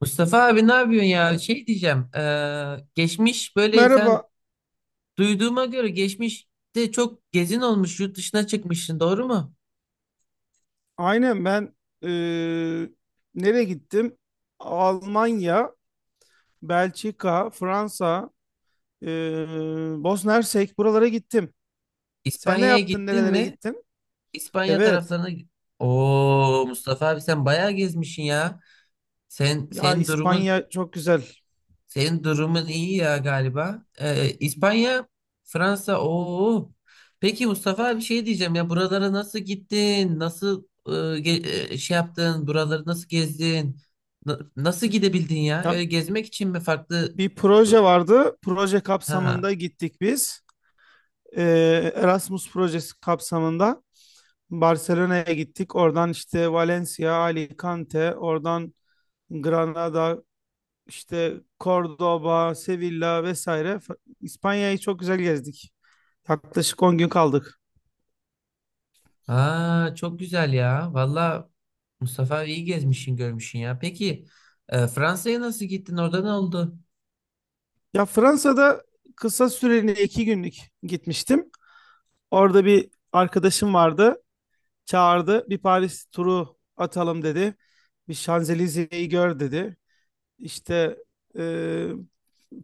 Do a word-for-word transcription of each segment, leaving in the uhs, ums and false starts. Mustafa abi ne yapıyorsun ya? Şey diyeceğim. eee, geçmiş böyle sen Merhaba. duyduğuma göre geçmişte çok gezin olmuş yurt dışına çıkmışsın doğru mu? Aynen ben eee, nereye gittim? Almanya, Belçika, Fransa, eee Bosna Hersek buralara gittim. Sen ne İspanya'ya yaptın? gittin Nerelere mi? gittin? İspanya Evet. taraflarına. Oo Mustafa abi sen bayağı gezmişsin ya. Sen Ya senin durumun. İspanya çok güzel. Senin durumun iyi ya galiba. Ee, İspanya, Fransa, oo. Peki Mustafa bir şey diyeceğim ya buralara nasıl gittin? Nasıl e, ge- e, şey yaptın? Buraları nasıl gezdin? Na- nasıl gidebildin ya? Ya Öyle gezmek için mi farklı? bir e, proje vardı. Proje Ha. kapsamında gittik biz. Eee, Erasmus projesi kapsamında Barcelona'ya gittik. Oradan işte Valencia, Alicante, oradan Granada, işte Cordoba, Sevilla vesaire F- İspanya'yı çok güzel gezdik. Yaklaşık on gün kaldık. Ha, çok güzel ya. Valla Mustafa iyi gezmişsin, görmüşsün ya. Peki e, Fransa'ya nasıl gittin? Orada ne oldu? Ya Fransa'da kısa süreli iki günlük gitmiştim. Orada bir arkadaşım vardı. Çağırdı. Bir Paris turu atalım dedi. Bir Şanzelize'yi gör dedi. İşte e,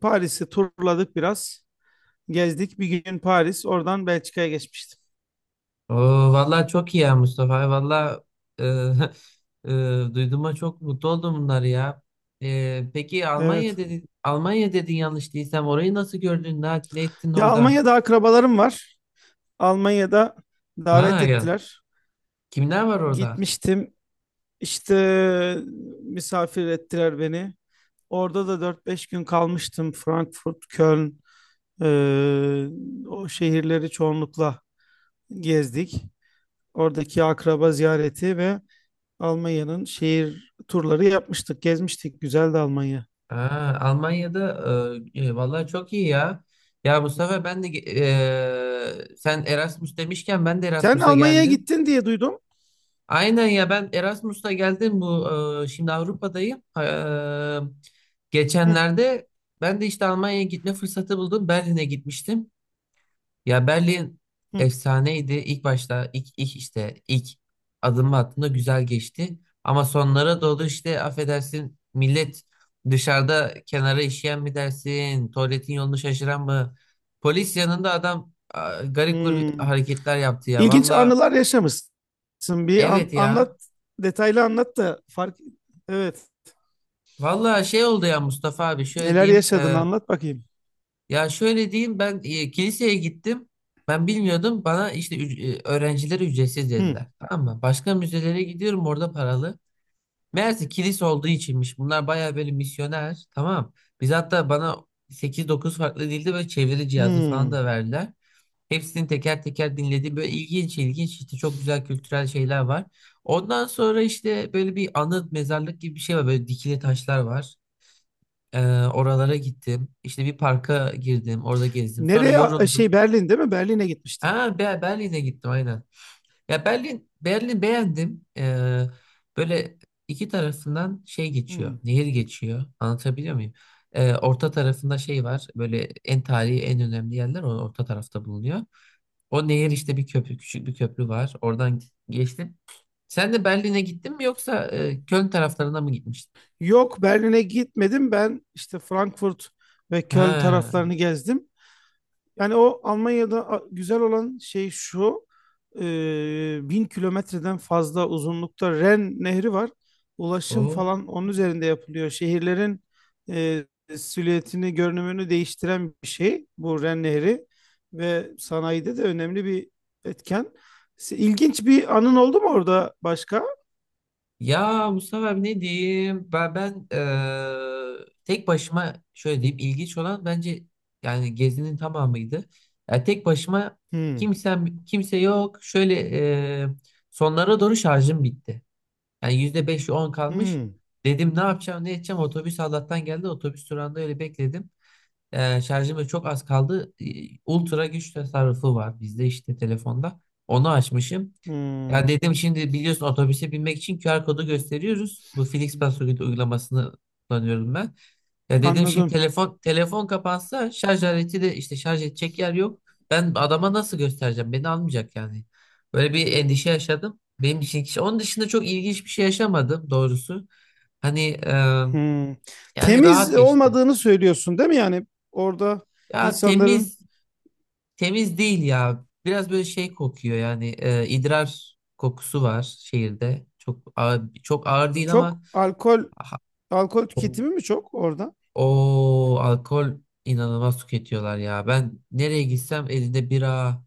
Paris'i turladık biraz. Gezdik. Bir gün Paris, oradan Belçika'ya geçmiştim. Oo, vallahi çok iyi ya Mustafa. Vallahi e, e, duyduğuma çok mutlu oldum bunları ya. E, peki Almanya Evet. dedin, Almanya dedin yanlış değilsem orayı nasıl gördün? Ne, ne ettin Ya orada? Almanya'da akrabalarım var. Almanya'da davet Ha ya. ettiler. Kimler var orada? Gitmiştim. İşte misafir ettiler beni. Orada da dört beş gün kalmıştım. Frankfurt, Köln, e, o şehirleri çoğunlukla gezdik. Oradaki akraba ziyareti ve Almanya'nın şehir turları yapmıştık, gezmiştik. Güzeldi Almanya. Ha, Almanya'da e, e, vallahi çok iyi ya. Ya Mustafa ben de ge- e, sen Erasmus demişken ben de Sen Erasmus'a Almanya'ya geldim. gittin diye duydum. Aynen ya ben Erasmus'ta geldim bu e, şimdi Avrupa'dayım. E, Hı, Geçenlerde ben de işte Almanya'ya gitme fırsatı buldum. Berlin'e gitmiştim. Ya Berlin hı, efsaneydi. İlk başta ilk, ilk işte ilk adımı attığımda güzel geçti. Ama sonlara doğru işte affedersin millet dışarıda kenara işeyen mi dersin? Tuvaletin yolunu şaşıran mı? Polis yanında adam a, garip garip hı. hareketler yaptı ya. İlginç Valla anılar yaşamışsın. Bir an- evet ya. Anlat, detaylı anlat da fark. Evet. Vallahi şey oldu ya Mustafa abi şöyle Neler diyeyim. yaşadın e, anlat bakayım. ya şöyle diyeyim ben e, kiliseye gittim, ben bilmiyordum, bana işte üc- e, öğrencilere ücretsiz Hmm. dediler, tamam mı? Başka müzelere gidiyorum orada paralı. Meğerse kilise olduğu içinmiş bunlar bayağı böyle misyoner tamam. Biz hatta bana sekiz dokuz farklı dilde böyle çeviri cihazı falan Hmm. da verdiler. Hepsini teker teker dinledim, böyle ilginç ilginç işte çok güzel kültürel şeyler var. Ondan sonra işte böyle bir anıt mezarlık gibi bir şey var, böyle dikili taşlar var. Ee, Oralara gittim. İşte bir parka girdim. Orada gezdim. Sonra Nereye? a- yoruldum. Şey Berlin değil mi? Berlin'e gitmiştin. Ha, Be- Berlin'e gittim aynen. Ya Berlin, Berlin beğendim. Ee, böyle iki tarafından şey geçiyor. Hmm. Nehir geçiyor. Anlatabiliyor muyum? Ee, orta tarafında şey var. Böyle en tarihi en önemli yerler o orta tarafta bulunuyor. O nehir işte bir köprü, küçük bir köprü var. Oradan geçtim. Sen de Berlin'e gittin mi yoksa e, Köln taraflarına mı gitmiştin? Yok, Berlin'e gitmedim. Ben işte Frankfurt ve Köln Ha. taraflarını gezdim. Yani o Almanya'da a- güzel olan şey şu. E, Bin kilometreden fazla uzunlukta Ren Nehri var. Ulaşım O. falan onun üzerinde yapılıyor. Şehirlerin e, silüetini, görünümünü değiştiren bir şey bu Ren Nehri. Ve sanayide de önemli bir etken. Se- İlginç bir anın oldu mu orada başka? Ya Mustafa abi ne diyeyim? Ben, ben eee, tek başıma şöyle diyeyim ilginç olan bence yani gezinin tamamıydı. Ya tek başıma Hmm, kimsem kimse yok. Şöyle eee, sonlara doğru şarjım bitti. Yani yüzde beş on kalmış. hmm, Dedim ne yapacağım ne edeceğim, otobüs Allah'tan geldi, otobüs durağında öyle bekledim. Eee şarjım da çok az kaldı. Eee, Ultra güç tasarrufu var bizde işte telefonda. Onu açmışım. Ya hmm. dedim şimdi biliyorsun otobüse binmek için Q R kodu gösteriyoruz. Bu FlixBus uygulamasını kullanıyorum ben. Ya dedim şimdi Anladım. telefon telefon kapansa, şarj aleti de işte şarj edecek yer yok. Ben adama nasıl göstereceğim? Beni almayacak yani. Böyle bir endişe yaşadım. Benim için kişi. Onun dışında çok ilginç bir şey yaşamadım doğrusu. Hani e, Hmm. Yani rahat Temiz geçti. olmadığını söylüyorsun değil mi? Yani orada Ya insanların temiz. Temiz değil ya. Biraz böyle şey kokuyor yani e, idrar kokusu var şehirde. Çok ağır, çok ağır değil çok ama alkol aha, alkol o, tüketimi mi çok orada? o alkol inanılmaz tüketiyorlar ya. Ben nereye gitsem elinde bira,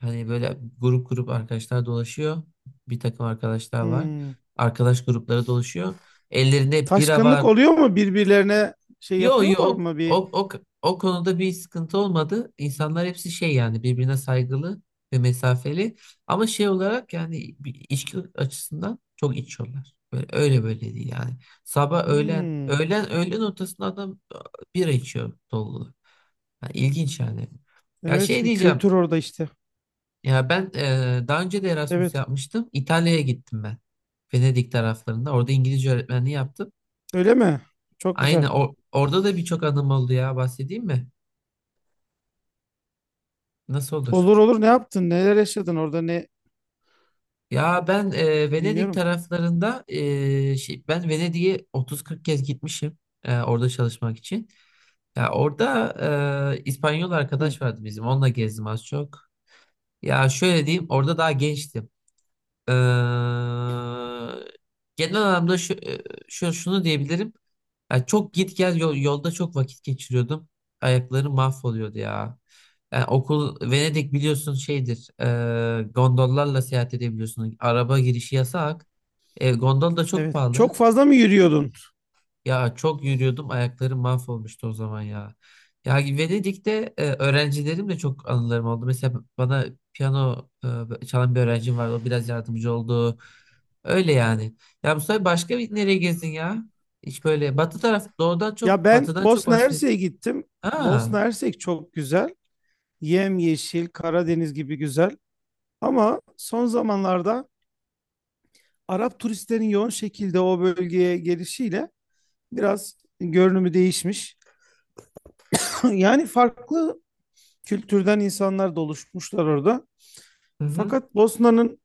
hani böyle grup grup arkadaşlar dolaşıyor. Bir takım arkadaşlar var. Hmm. Arkadaş grupları dolaşıyor. Ellerinde bira Taşkınlık var. oluyor mu birbirlerine, şey Yo yo yapıyorlar o, mı bir? o, o, o konuda bir sıkıntı olmadı. İnsanlar hepsi şey yani birbirine saygılı ve mesafeli. Ama şey olarak yani bir içki açısından çok içiyorlar. Böyle, öyle böyle değil yani. Sabah öğlen Hmm. öğlen öğlen ortasında adam e, bira içiyor dolu. Ha, İlginç yani. Ya Evet, şey bir diyeceğim. kültür orada işte. Ya ben e, daha önce de Erasmus Evet. yapmıştım. İtalya'ya gittim ben. Venedik taraflarında. Orada İngilizce öğretmenliği yaptım. Öyle mi? Çok güzel. Aynen o- orada da birçok anım oldu ya, bahsedeyim mi? Nasıl olur? Olur olur, ne yaptın? Neler yaşadın orada? Ne, Ya ben e, Venedik dinliyorum. taraflarında, e, şey, ben Venedik'e otuz kırk kez gitmişim e, orada çalışmak için. Ya orada e, İspanyol Hı. arkadaş vardı bizim. Onunla gezdim az çok. Ya şöyle diyeyim orada daha gençtim. Ee, Genel anlamda şu, e, şu şunu diyebilirim. Yani çok git gel, yol- yolda çok vakit geçiriyordum. Ayaklarım mahvoluyordu ya. Yani okul Venedik biliyorsun şeydir. E, gondollarla seyahat edebiliyorsun. Araba girişi yasak. E, gondol da çok Evet. pahalı. Çok fazla mı yürüyordun? Ya çok yürüyordum, ayaklarım mahvolmuştu o zaman ya. Ya Venedik'te e, öğrencilerim de çok anılarım oldu. Mesela bana piyano e, çalan bir öğrencim vardı. O biraz yardımcı oldu. Öyle yani. Ya Mustafa başka bir nereye gezdin ya? Hiç böyle batı taraf doğudan Ya çok ben batıdan çok Bosna bahset. Hersek'e gittim. Aa, Bosna Hersek çok güzel. Yemyeşil, Karadeniz gibi güzel. Ama son zamanlarda Arap turistlerin yoğun şekilde o bölgeye gelişiyle biraz görünümü değişmiş. Yani farklı kültürden insanlar da oluşmuşlar orada. hı hı. Fakat Bosna'nın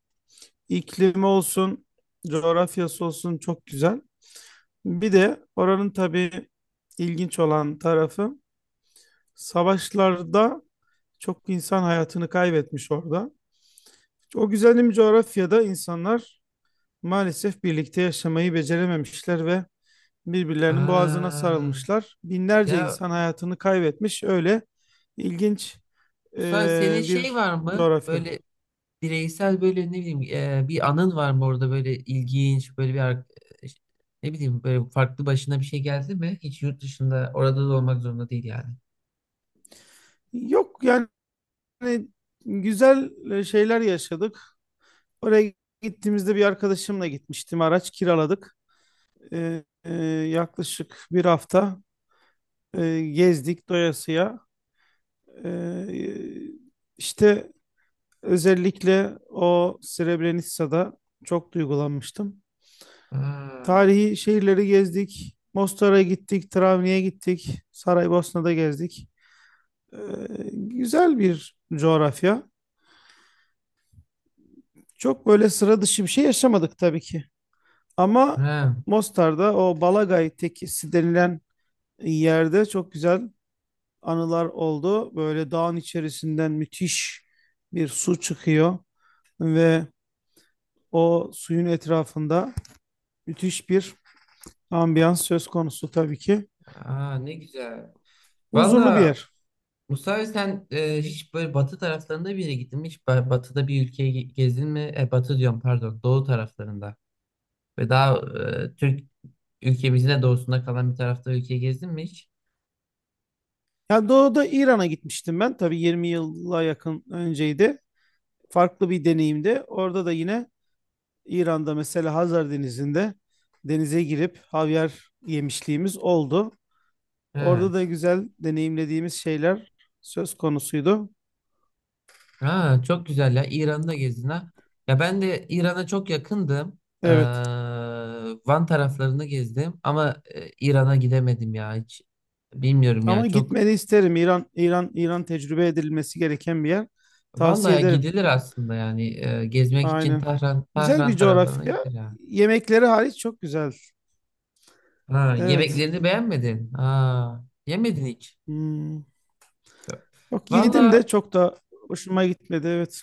iklimi olsun, coğrafyası olsun çok güzel. Bir de oranın tabii ilginç olan tarafı, savaşlarda çok insan hayatını kaybetmiş orada. O güzelim coğrafyada insanlar maalesef birlikte yaşamayı becerememişler ve birbirlerinin boğazına Aa. sarılmışlar. Binlerce Ya insan hayatını kaybetmiş. Öyle ilginç Mustafa e, senin şey bir var mı? coğrafya. Böyle bireysel böyle ne bileyim e, bir anın var mı orada, böyle ilginç böyle bir ar- e, ne bileyim böyle farklı başına bir şey geldi mi? Hiç yurt dışında, orada da olmak zorunda değil yani. Yok yani, güzel e, şeyler yaşadık. Oraya gittiğimizde bir arkadaşımla gitmiştim. Araç kiraladık. E, e, Yaklaşık bir hafta e, gezdik doyasıya. E, işte özellikle o Srebrenica'da çok duygulanmıştım. Ha, Tarihi şehirleri gezdik. Mostar'a gittik, Travni'ye gittik, Saraybosna'da gezdik. Ee, Güzel bir coğrafya. Çok böyle sıra dışı bir şey yaşamadık tabii ki. Ama ha, Mostar'da o Balagay Tekisi denilen yerde çok güzel anılar oldu. Böyle dağın içerisinden müthiş bir su çıkıyor ve o suyun etrafında müthiş bir ambiyans söz konusu tabii ki. aa, ne güzel. Huzurlu bir Valla yer. Musa sen e, hiç böyle batı taraflarında bir yere gittin mi? Hiç ba- batıda bir ülkeye ge- gezdin mi? E, batı diyorum pardon, doğu taraflarında. Ve daha e, Türk ülkemizin de doğusunda kalan bir tarafta ülkeye gezdin mi hiç? Ya doğuda İran'a gitmiştim ben. Tabii yirmi yıla yakın önceydi. Farklı bir deneyimdi. Orada da yine İran'da mesela Hazar Denizi'nde denize girip havyar yemişliğimiz oldu. He. Orada da güzel deneyimlediğimiz şeyler söz konusuydu. Ha, çok güzel ya. İran'da gezdin ha. Ya ben de İran'a çok yakındım. Ee, Evet. Van taraflarını gezdim ama e, İran'a gidemedim ya hiç. Bilmiyorum ya Ama çok. gitmeni isterim. İran, İran, İran tecrübe edilmesi gereken bir yer. Tavsiye Vallahi ederim. gidilir aslında yani e, gezmek için Aynen. Tahran Güzel Tahran bir taraflarına coğrafya. gidilir ya. Yemekleri hariç çok güzel. Ha, Evet. yemeklerini beğenmedin. Ha, yemedin hiç. Hmm. Yok. Yok, yedim Vallahi de çok da hoşuma gitmedi. Evet.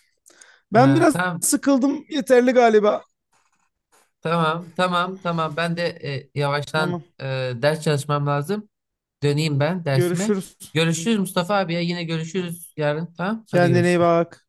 Ben ha, biraz tamam, sıkıldım. Yeterli galiba. tamam tamam tamam. Ben de e, Tamam. yavaştan e, ders çalışmam lazım. Döneyim ben dersime. Görüşürüz. Görüşürüz Mustafa abi ya. Yine görüşürüz yarın. Tamam. Hadi Kendine iyi görüşürüz. bak.